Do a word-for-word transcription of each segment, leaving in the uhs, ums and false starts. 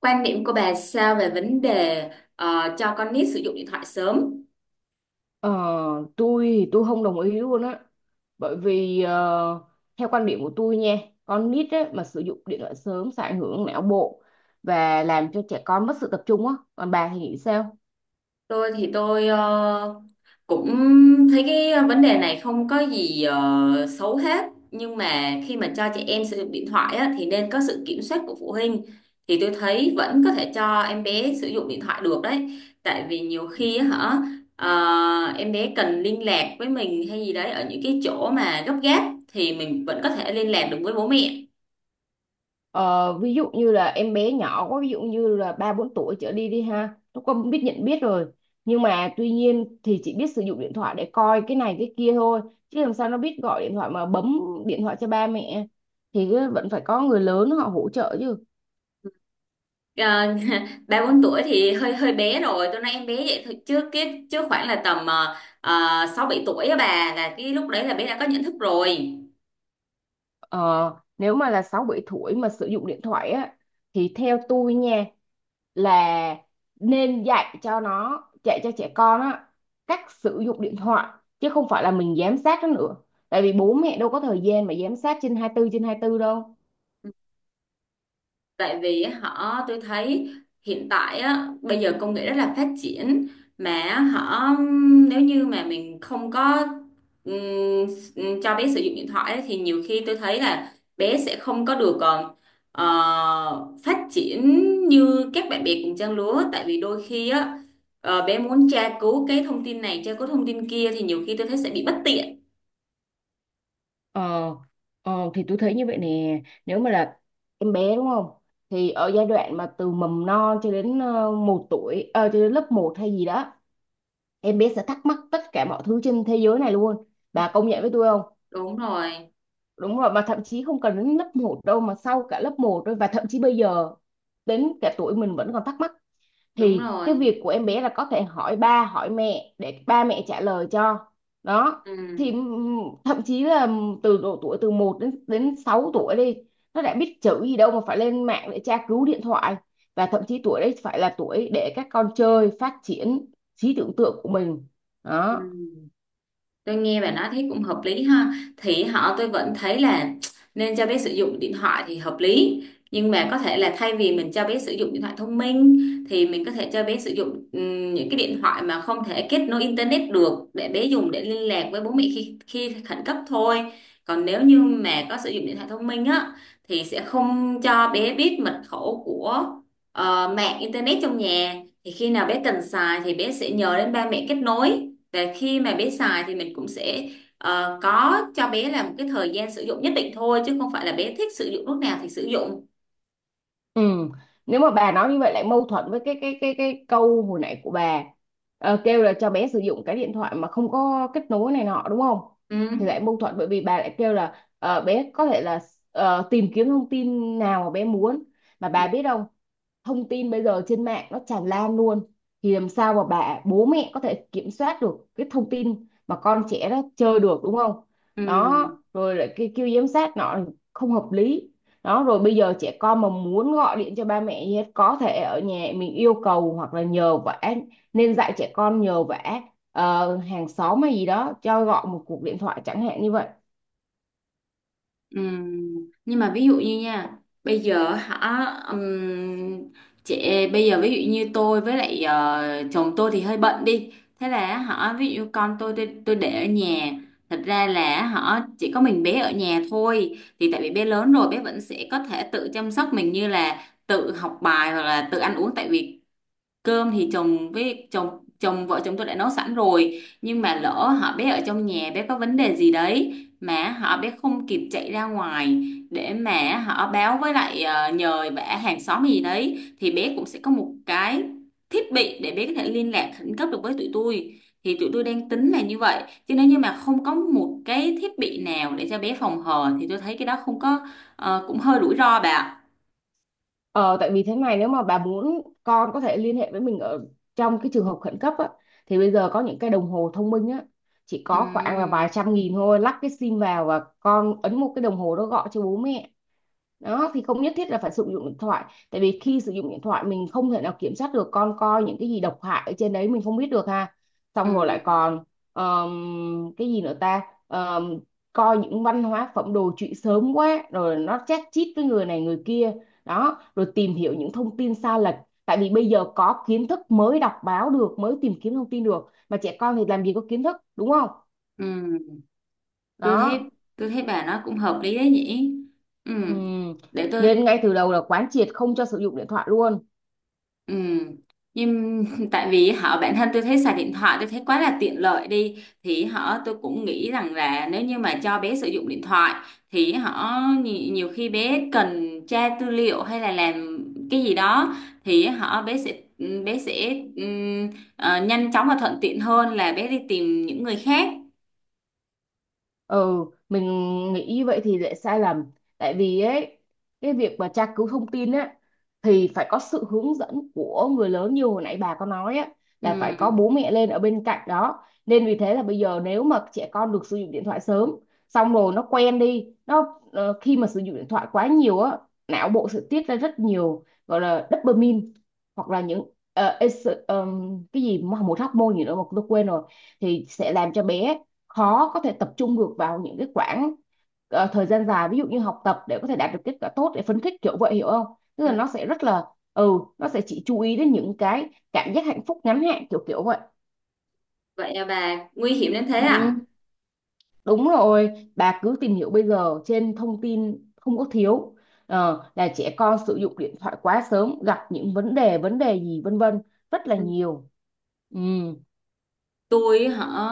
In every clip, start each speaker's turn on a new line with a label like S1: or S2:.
S1: Quan điểm của bà sao về vấn đề ờ, cho con nít sử dụng điện thoại sớm?
S2: Ờ, tôi thì tôi không đồng ý luôn á, bởi vì ờ, theo quan điểm của tôi nha, con nít á, mà sử dụng điện thoại sớm sẽ ảnh hưởng não bộ và làm cho trẻ con mất sự tập trung á. Còn bà thì nghĩ sao?
S1: Tôi thì tôi ờ, cũng thấy cái vấn đề này không có gì ờ, xấu hết, nhưng mà khi mà cho trẻ em sử dụng điện thoại á, thì nên có sự kiểm soát của phụ huynh. Thì tôi thấy vẫn có thể cho em bé sử dụng điện thoại được đấy, tại vì nhiều khi á hả, ờ, em bé cần liên lạc với mình hay gì đấy ở những cái chỗ mà gấp gáp, thì mình vẫn có thể liên lạc được với bố mẹ.
S2: Ờ, ví dụ như là em bé nhỏ quá, ví dụ như là ba bốn tuổi trở đi đi ha, nó không biết nhận biết rồi. Nhưng mà tuy nhiên thì chỉ biết sử dụng điện thoại để coi cái này cái kia thôi, chứ làm sao nó biết gọi điện thoại mà bấm điện thoại cho ba mẹ, thì vẫn phải có người lớn họ hỗ trợ chứ.
S1: Ờ, ba bốn tuổi thì hơi hơi bé rồi, tôi nói em bé vậy thôi, chứ cái chứ khoảng là tầm ờ, ờ, sáu bảy tuổi á bà, là cái lúc đấy là bé đã có nhận thức rồi.
S2: Ờ, nếu mà là sáu bảy tuổi mà sử dụng điện thoại á, thì theo tôi nha, là nên dạy cho nó, dạy cho trẻ con á cách sử dụng điện thoại, chứ không phải là mình giám sát nó nữa. Tại vì bố mẹ đâu có thời gian mà giám sát trên hai mươi bốn trên hai mươi bốn đâu.
S1: Tại vì họ tôi thấy hiện tại á, bây giờ công nghệ rất là phát triển, mà họ nếu như mà mình không có ừm, cho bé sử dụng điện thoại ấy, thì nhiều khi tôi thấy là bé sẽ không có được ờ, ờ, phát triển như các bạn bè cùng trang lứa, tại vì đôi khi á ờ, bé muốn tra cứu cái thông tin này, tra cứu thông tin kia thì nhiều khi tôi thấy sẽ bị bất tiện.
S2: ờ, ờ thì tôi thấy như vậy nè, nếu mà là em bé đúng không, thì ở giai đoạn mà từ mầm non cho đến ờ, một tuổi, ờ, cho đến lớp một hay gì đó, em bé sẽ thắc mắc tất cả mọi thứ trên thế giới này luôn. Bà công nhận với tôi không?
S1: Đúng rồi.
S2: Đúng rồi. Mà thậm chí không cần đến lớp một đâu, mà sau cả lớp một thôi, và thậm chí bây giờ đến cả tuổi mình vẫn còn thắc mắc.
S1: Đúng
S2: Thì cái
S1: rồi.
S2: việc của em bé là có thể hỏi ba hỏi mẹ để ba mẹ trả lời cho. Đó.
S1: Ừ.
S2: Thì ừm, thậm chí là từ độ tuổi từ một đến đến sáu tuổi đi, nó đã biết chữ gì đâu mà phải lên mạng để tra cứu điện thoại. Và thậm chí tuổi đấy phải là tuổi để các con chơi, phát triển trí tưởng tượng của mình.
S1: Ừ.
S2: Đó.
S1: Tôi nghe bạn nói thấy cũng hợp lý ha. Thì họ tôi vẫn thấy là nên cho bé sử dụng điện thoại thì hợp lý. Nhưng mà có thể là thay vì mình cho bé sử dụng điện thoại thông minh, thì mình có thể cho bé sử dụng ừm, những cái điện thoại mà không thể kết nối internet được, để bé dùng để liên lạc với bố mẹ khi, khi khẩn cấp thôi. Còn nếu như mà có sử dụng điện thoại thông minh á, thì sẽ không cho bé biết mật khẩu của ờ, mạng internet trong nhà. Thì khi nào bé cần xài thì bé sẽ nhờ đến ba mẹ kết nối, để khi mà bé xài thì mình cũng sẽ ờ, có cho bé là một cái thời gian sử dụng nhất định thôi, chứ không phải là bé thích sử dụng lúc nào thì sử dụng.
S2: Ừ. Nếu mà bà nói như vậy lại mâu thuẫn với cái cái cái cái câu hồi nãy của bà. Ờ, kêu là cho bé sử dụng cái điện thoại mà không có kết nối này nọ đúng không?
S1: Ừ.
S2: Thì lại mâu thuẫn bởi vì bà lại kêu là ờ, bé có thể là ờ, tìm kiếm thông tin nào mà bé muốn. Mà
S1: Ừ.
S2: bà biết không, thông tin bây giờ trên mạng nó tràn lan luôn, thì làm sao mà bà bố mẹ có thể kiểm soát được cái thông tin mà con trẻ nó chơi được đúng không.
S1: Ừ.
S2: Đó rồi lại cái kêu giám sát nó, không hợp lý. Đó rồi bây giờ trẻ con mà muốn gọi điện cho ba mẹ gì hết, có thể ở nhà mình yêu cầu hoặc là nhờ vả. Nên dạy trẻ con nhờ vả ờ, hàng xóm hay gì đó cho gọi một cuộc điện thoại chẳng hạn như vậy.
S1: Ừm, nhưng mà ví dụ như nha, bây giờ hả, ừm, chị bây giờ ví dụ như tôi với lại ờ, chồng tôi thì hơi bận đi, thế là hả ví dụ con tôi tôi, tôi để ở nhà, thật ra là hả chỉ có mình bé ở nhà thôi, thì tại vì bé lớn rồi bé vẫn sẽ có thể tự chăm sóc mình như là tự học bài hoặc là tự ăn uống, tại vì cơm thì chồng với chồng chồng vợ chồng tôi đã nấu sẵn rồi, nhưng mà lỡ họ bé ở trong nhà bé có vấn đề gì đấy mà họ bé không kịp chạy ra ngoài để mà họ báo với lại ờ, nhờ vả hàng xóm gì đấy, thì bé cũng sẽ có một cái thiết bị để bé có thể liên lạc khẩn cấp được với tụi tôi, thì tụi tôi đang tính là như vậy, chứ nếu như mà không có một cái thiết bị nào để cho bé phòng hờ thì tôi thấy cái đó không có ờ, cũng hơi rủi ro bà ạ.
S2: Ờ, tại vì thế này, nếu mà bà muốn con có thể liên hệ với mình ở trong cái trường hợp khẩn cấp á, thì bây giờ có những cái đồng hồ thông minh á, chỉ
S1: Ừ.
S2: có khoảng là vài trăm nghìn thôi, lắp cái sim vào và con ấn một cái đồng hồ đó gọi cho bố mẹ. Đó thì không nhất thiết là phải sử dụng điện thoại. Tại vì khi sử dụng điện thoại mình không thể nào kiểm soát được con coi những cái gì độc hại ở trên đấy, mình không biết được ha.
S1: Ừ.
S2: Xong rồi lại còn ờm, cái gì nữa ta. Ờm, Coi những văn hóa phẩm đồ trụy sớm quá rồi, nó chát chít với người này người kia. Đó rồi tìm hiểu những thông tin sai lệch. Tại vì bây giờ có kiến thức mới đọc báo được, mới tìm kiếm thông tin được, mà trẻ con thì làm gì có kiến thức đúng không.
S1: Ừ. Tôi
S2: Đó.
S1: thấy tôi thấy bà nói cũng hợp lý đấy nhỉ. Ừ.
S2: Ừm.
S1: Để tôi.
S2: Nên ngay từ đầu là quán triệt không cho sử dụng điện thoại luôn.
S1: Ừ. Nhưng tại vì họ bản thân tôi thấy xài điện thoại, tôi thấy quá là tiện lợi đi, thì họ tôi cũng nghĩ rằng là nếu như mà cho bé sử dụng điện thoại thì họ nhi- nhiều khi bé cần tra tư liệu hay là làm cái gì đó, thì họ bé sẽ bé sẽ ừm, ờ, nhanh chóng và thuận tiện hơn là bé đi tìm những người khác.
S2: Ừ, mình nghĩ như vậy thì lại sai lầm. Tại vì ấy, cái việc mà tra cứu thông tin á, thì phải có sự hướng dẫn của người lớn như hồi nãy bà có nói á,
S1: Ừ.
S2: là phải có bố mẹ lên ở bên cạnh đó. Nên vì thế là bây giờ nếu mà trẻ con được sử dụng điện thoại sớm, xong rồi nó quen đi, nó ờ, khi mà sử dụng điện thoại quá nhiều á, não bộ sẽ tiết ra rất nhiều gọi là dopamine, hoặc là những ờ, es- ờm, cái gì mà một hormone gì nữa mà tôi quên rồi. Thì sẽ làm cho bé khó có thể tập trung được vào những cái khoảng ờ, thời gian dài, ví dụ như học tập để có thể đạt được kết quả tốt, để phấn khích kiểu vậy hiểu không. Tức
S1: Ừ,
S2: là nó sẽ rất là, ừ nó sẽ chỉ chú ý đến những cái cảm giác hạnh phúc ngắn hạn kiểu kiểu vậy.
S1: vậy à bà, nguy hiểm đến thế à?
S2: Ừ, đúng rồi, bà cứ tìm hiểu bây giờ trên thông tin không có thiếu. Ờ, là trẻ con sử dụng điện thoại quá sớm gặp những vấn đề vấn đề gì vân vân, rất là nhiều. Ừ.
S1: Tôi họ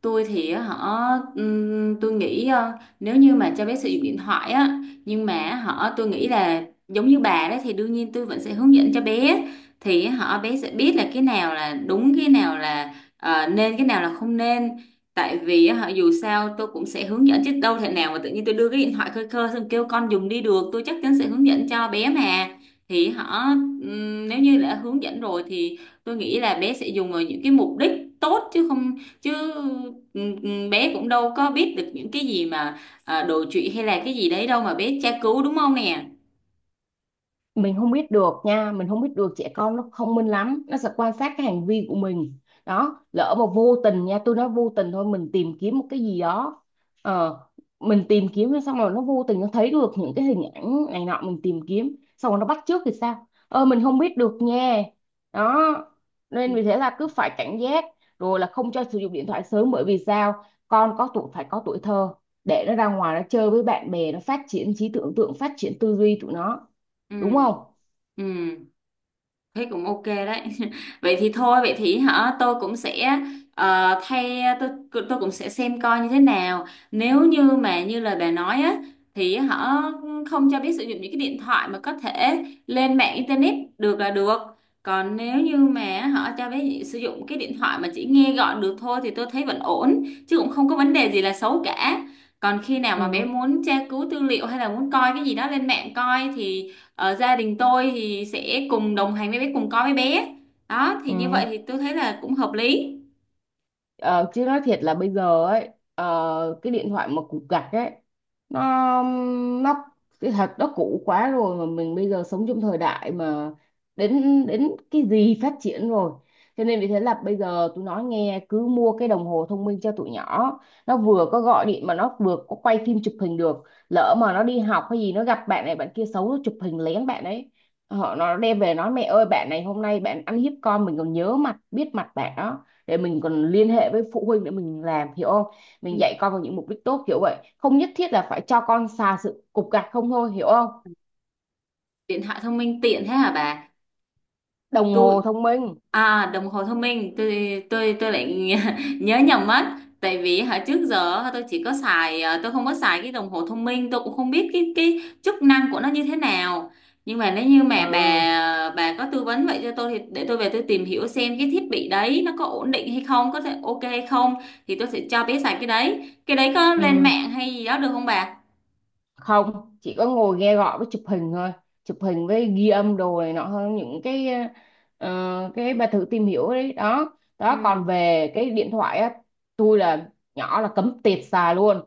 S1: tôi thì họ ừm, tôi nghĩ ờ, nếu như mà cho bé sử dụng điện thoại á, nhưng mà họ tôi nghĩ là giống như bà đấy, thì đương nhiên tôi vẫn sẽ hướng dẫn cho bé, thì họ bé sẽ biết là cái nào là đúng, cái nào là ờ, nên, cái nào là không nên. Tại vì họ dù sao tôi cũng sẽ hướng dẫn chứ, đâu thể nào mà tự nhiên tôi đưa cái điện thoại khơi khơi xong kêu con dùng đi được, tôi chắc chắn sẽ hướng dẫn cho bé mà. Thì họ ừm, nếu như đã hướng dẫn rồi thì tôi nghĩ là bé sẽ dùng vào những cái mục đích tốt, chứ không. chứ ừ, ừ, Bé cũng đâu có biết được những cái gì mà à, đồi trụy hay là cái gì đấy đâu mà bé tra cứu, đúng không nè?
S2: Mình không biết được nha, mình không biết được, trẻ con nó thông minh lắm, nó sẽ quan sát cái hành vi của mình. Đó lỡ mà vô tình nha, tôi nói vô tình thôi, mình tìm kiếm một cái gì đó, ờ, mình tìm kiếm xong rồi nó vô tình nó thấy được những cái hình ảnh này nọ, mình tìm kiếm xong rồi nó bắt chước thì sao. ờ mình không biết được nha. Đó. Nên vì thế là cứ phải cảnh giác, rồi là không cho sử dụng điện thoại sớm. Bởi vì sao, con có tuổi phải có tuổi thơ, để nó ra ngoài nó chơi với bạn bè, nó phát triển trí tưởng tượng, phát triển tư duy tụi nó
S1: Ừ.
S2: đúng không.
S1: Ừ. Thế cũng ok đấy. Vậy thì thôi, vậy thì hả, tôi cũng sẽ ờ, thay tôi tôi cũng sẽ xem coi như thế nào. Nếu như mà như lời bà nói á thì họ không cho biết sử dụng những cái điện thoại mà có thể lên mạng internet được là được. Còn nếu như mà họ cho biết sử dụng cái điện thoại mà chỉ nghe gọi được thôi thì tôi thấy vẫn ổn, chứ cũng không có vấn đề gì là xấu cả. Còn khi nào mà bé
S2: Ừ,
S1: muốn tra cứu tư liệu hay là muốn coi cái gì đó lên mạng coi thì ở gia đình tôi thì sẽ cùng đồng hành với bé, cùng coi với bé, đó thì như vậy
S2: ừ.
S1: thì tôi thấy là cũng hợp lý.
S2: Ờ, chứ nói thiệt là bây giờ ấy, ờ, cái điện thoại mà cục gạch ấy, nó nó cái thật nó cũ quá rồi, mà mình bây giờ sống trong thời đại mà đến đến cái gì phát triển rồi. Cho nên vì thế là bây giờ tôi nói nghe, cứ mua cái đồng hồ thông minh cho tụi nhỏ, nó vừa có gọi điện mà nó vừa có quay phim chụp hình được. Lỡ mà nó đi học hay gì, nó gặp bạn này bạn kia xấu, nó chụp hình lén bạn ấy, họ nó đem về nói mẹ ơi bạn này hôm nay bạn ăn hiếp con, mình còn nhớ mặt biết mặt bạn đó, để mình còn liên hệ với phụ huynh để mình làm hiểu không.
S1: Ừ.
S2: Mình dạy con vào những mục đích tốt, hiểu vậy không, nhất thiết là phải cho con xà sự cục gạch không thôi hiểu không.
S1: Điện thoại thông minh tiện thế hả bà?
S2: Đồng
S1: Tôi.
S2: hồ thông minh.
S1: À, đồng hồ thông minh tôi tôi tôi lại nhớ nhầm mất, tại vì hồi trước giờ tôi chỉ có xài à, tôi không có xài cái đồng hồ thông minh, tôi cũng không biết cái cái chức năng của nó như thế nào. Nhưng mà nếu như mà
S2: Ừ,
S1: bà bà có tư vấn vậy cho tôi thì để tôi về tôi tìm hiểu xem cái thiết bị đấy nó có ổn định hay không, có thể ok hay không, thì tôi sẽ cho bé xài cái đấy. Cái đấy có lên
S2: ừ,
S1: mạng hay gì đó được không bà?
S2: không chỉ có ngồi nghe gọi với chụp hình thôi, chụp hình với ghi âm đồ này nọ, hơn những cái ờ, cái bà thử tìm hiểu đấy. Đó
S1: Ừ.
S2: đó còn về cái điện thoại á, tôi là nhỏ là cấm tiệt xài luôn,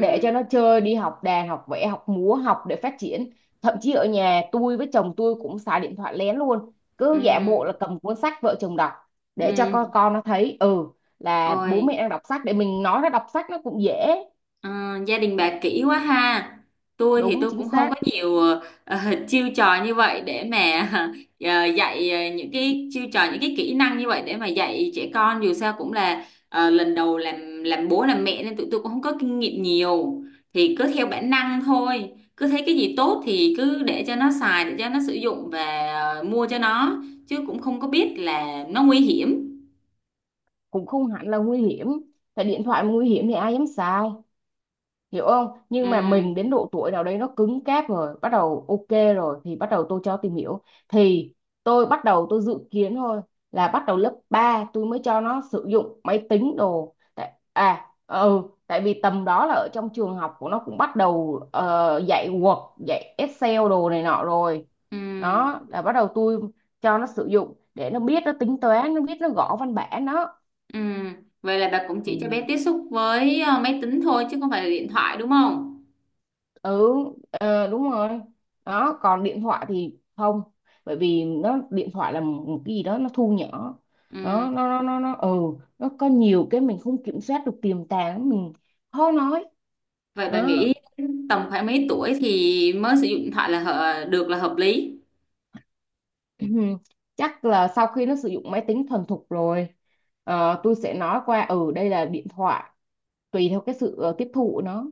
S2: để cho nó chơi, đi học đàn học vẽ học múa học để phát triển. Thậm chí ở nhà tôi với chồng tôi cũng xài điện thoại lén luôn,
S1: Ừ.
S2: cứ giả bộ là cầm cuốn sách vợ chồng đọc,
S1: Ừ.
S2: để cho con con nó thấy ừ là bố mẹ
S1: Ôi.
S2: đang đọc sách, để mình nói nó đọc sách nó cũng dễ.
S1: Ờ, gia đình bà kỹ quá ha. Tôi thì
S2: Đúng
S1: tôi
S2: chính
S1: cũng không có
S2: xác.
S1: nhiều ờ, chiêu trò như vậy để mà ờ, dạy ờ, những cái chiêu trò, những cái kỹ năng như vậy để mà dạy trẻ con, dù sao cũng là ờ, lần đầu làm làm bố làm mẹ nên tụi tôi cũng không có kinh nghiệm nhiều. Thì cứ theo bản năng thôi. Cứ thấy cái gì tốt thì cứ để cho nó xài, để cho nó sử dụng, và ờ, mua cho nó, chứ cũng không có biết là nó nguy hiểm.
S2: Cũng không hẳn là nguy hiểm, tại điện thoại mà nguy hiểm thì ai dám xài, hiểu không.
S1: Ừ.
S2: Nhưng mà mình đến độ tuổi nào đấy nó cứng cáp rồi bắt đầu ok. Rồi thì bắt đầu tôi cho tìm hiểu, thì tôi bắt đầu tôi dự kiến thôi, là bắt đầu lớp ba tôi mới cho nó sử dụng máy tính đồ tại, à ừ tại vì tầm đó là ở trong trường học của nó cũng bắt đầu ờ, dạy Word dạy Excel đồ này nọ rồi.
S1: Ừ.
S2: Đó là bắt đầu tôi cho nó sử dụng để nó biết nó tính toán, nó biết nó gõ văn bản. Đó.
S1: Ừ. Vậy là bà cũng chỉ cho bé
S2: Ừ.
S1: tiếp xúc với ờ, máy tính thôi chứ không phải là điện thoại, đúng không?
S2: ừ ờ, Đúng rồi. Đó còn điện thoại thì không, bởi vì nó điện thoại là một cái gì đó nó thu nhỏ.
S1: Ừ.
S2: Đó nó nó nó nó ừ nó có nhiều cái mình không kiểm soát được tiềm tàng, mình khó nói.
S1: Vậy bà
S2: Đó.
S1: nghĩ tầm khoảng mấy tuổi thì mới sử dụng điện thoại là hợ- được, là hợp lý?
S2: Chắc là sau khi nó sử dụng máy tính thuần thục rồi, ờ, tôi sẽ nói qua, ừ đây là điện thoại. Tùy theo cái sự ờ, tiếp thụ nó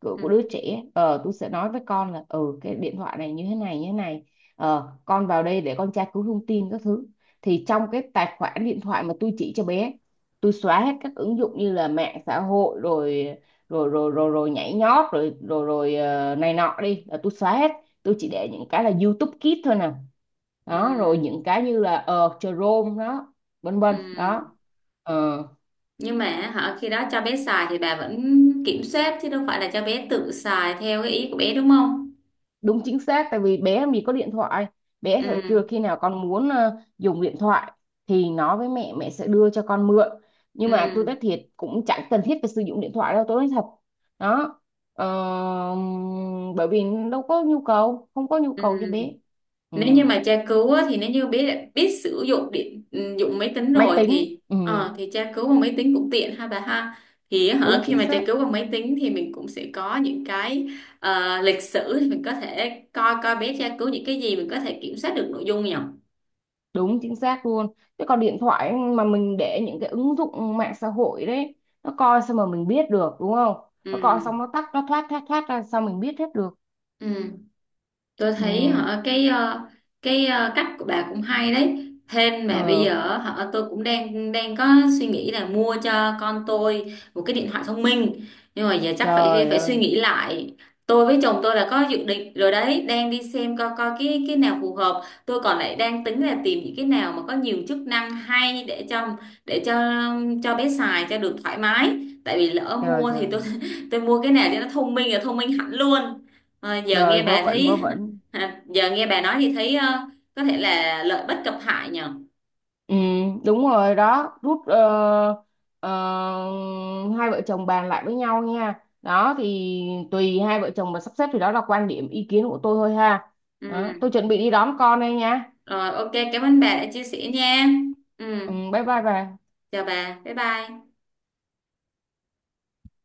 S2: của,
S1: Ừ.
S2: của đứa trẻ, ờ tôi sẽ nói với con là ừ cái điện thoại này như thế này như thế này. Ờ con vào đây để con tra cứu thông tin các thứ. Thì trong cái tài khoản điện thoại mà tôi chỉ cho bé, tôi xóa hết các ứng dụng như là mạng xã hội rồi rồi rồi rồi, rồi, nhảy nhót rồi rồi rồi ờ, này nọ đi là tôi xóa hết. Tôi chỉ để những cái là YouTube Kids thôi nè.
S1: Ừ.
S2: Đó rồi những cái như là ờ Chrome đó, vân vân
S1: Ừ.
S2: đó. Ờ,
S1: Nhưng mà họ khi đó cho bé xài thì bà vẫn kiểm soát chứ, đâu phải là cho bé tự xài theo cái ý của bé đúng không?
S2: đúng chính xác tại vì bé mình có điện thoại, bé sẽ
S1: Ừ.
S2: kêu khi nào con muốn ờ, dùng điện thoại, thì nói với mẹ, mẹ sẽ đưa cho con mượn. Nhưng mà tôi
S1: Ừ.
S2: nói thiệt cũng chẳng cần thiết phải sử dụng điện thoại đâu, tôi nói thật. Đó. Ờ, bởi vì đâu có nhu cầu, không có nhu
S1: Ừ.
S2: cầu cho bé. Ừ.
S1: Nếu như mà tra cứu á, thì nếu như biết biết sử dụng điện ừ, dụng máy tính
S2: Máy
S1: rồi
S2: tính
S1: thì
S2: ừ.
S1: ờ, thì tra cứu bằng máy tính cũng tiện ha bà ha. Thì
S2: Đúng
S1: hả khi
S2: chính
S1: mà tra
S2: xác.
S1: cứu bằng máy tính thì mình cũng sẽ có những cái ờ, lịch sử, thì mình có thể coi coi bé tra cứu những cái gì, mình có thể kiểm soát được nội dung nhỉ.
S2: Đúng chính xác luôn. Chứ còn điện thoại mà mình để những cái ứng dụng mạng xã hội đấy, nó coi sao mà mình biết được đúng không. Nó coi xong
S1: Ừ.
S2: nó tắt nó thoát thoát thoát ra sao mình biết hết được.
S1: Ừ. Tôi thấy
S2: Ừ,
S1: họ cái ờ, cái ờ, cách của bà cũng hay đấy, thêm mà bây
S2: ừ,
S1: giờ họ tôi cũng đang đang có suy nghĩ là mua cho con tôi một cái điện thoại thông minh, nhưng mà giờ chắc phải
S2: trời
S1: phải suy
S2: ơi.
S1: nghĩ lại. Tôi với chồng tôi là có dự định rồi đấy, đang đi xem coi coi cái cái nào phù hợp, tôi còn lại đang tính là tìm những cái nào mà có nhiều chức năng hay để cho để cho cho bé xài cho được thoải mái, tại vì lỡ
S2: Trời
S1: mua thì
S2: trời
S1: tôi tôi mua cái nào cho nó thông minh là thông minh hẳn luôn. Ờ, giờ
S2: trời
S1: nghe
S2: vớ
S1: bà
S2: vẩn vớ
S1: thấy.
S2: vẩn.
S1: À, giờ nghe bà nói thì thấy ờ, có thể là lợi bất cập hại nhờ.
S2: Ừ, đúng rồi đó, rút ờ, ờ, hai vợ chồng bàn lại với nhau nha. Đó thì tùy hai vợ chồng mà sắp xếp, thì đó là quan điểm ý kiến của tôi thôi ha.
S1: Ừ.
S2: Đó, tôi chuẩn bị đi đón con đây nha.
S1: Rồi ok, cảm ơn bà đã chia sẻ nha. Ừ.
S2: Ừ, bye bye bà.
S1: Chào bà, bye bye.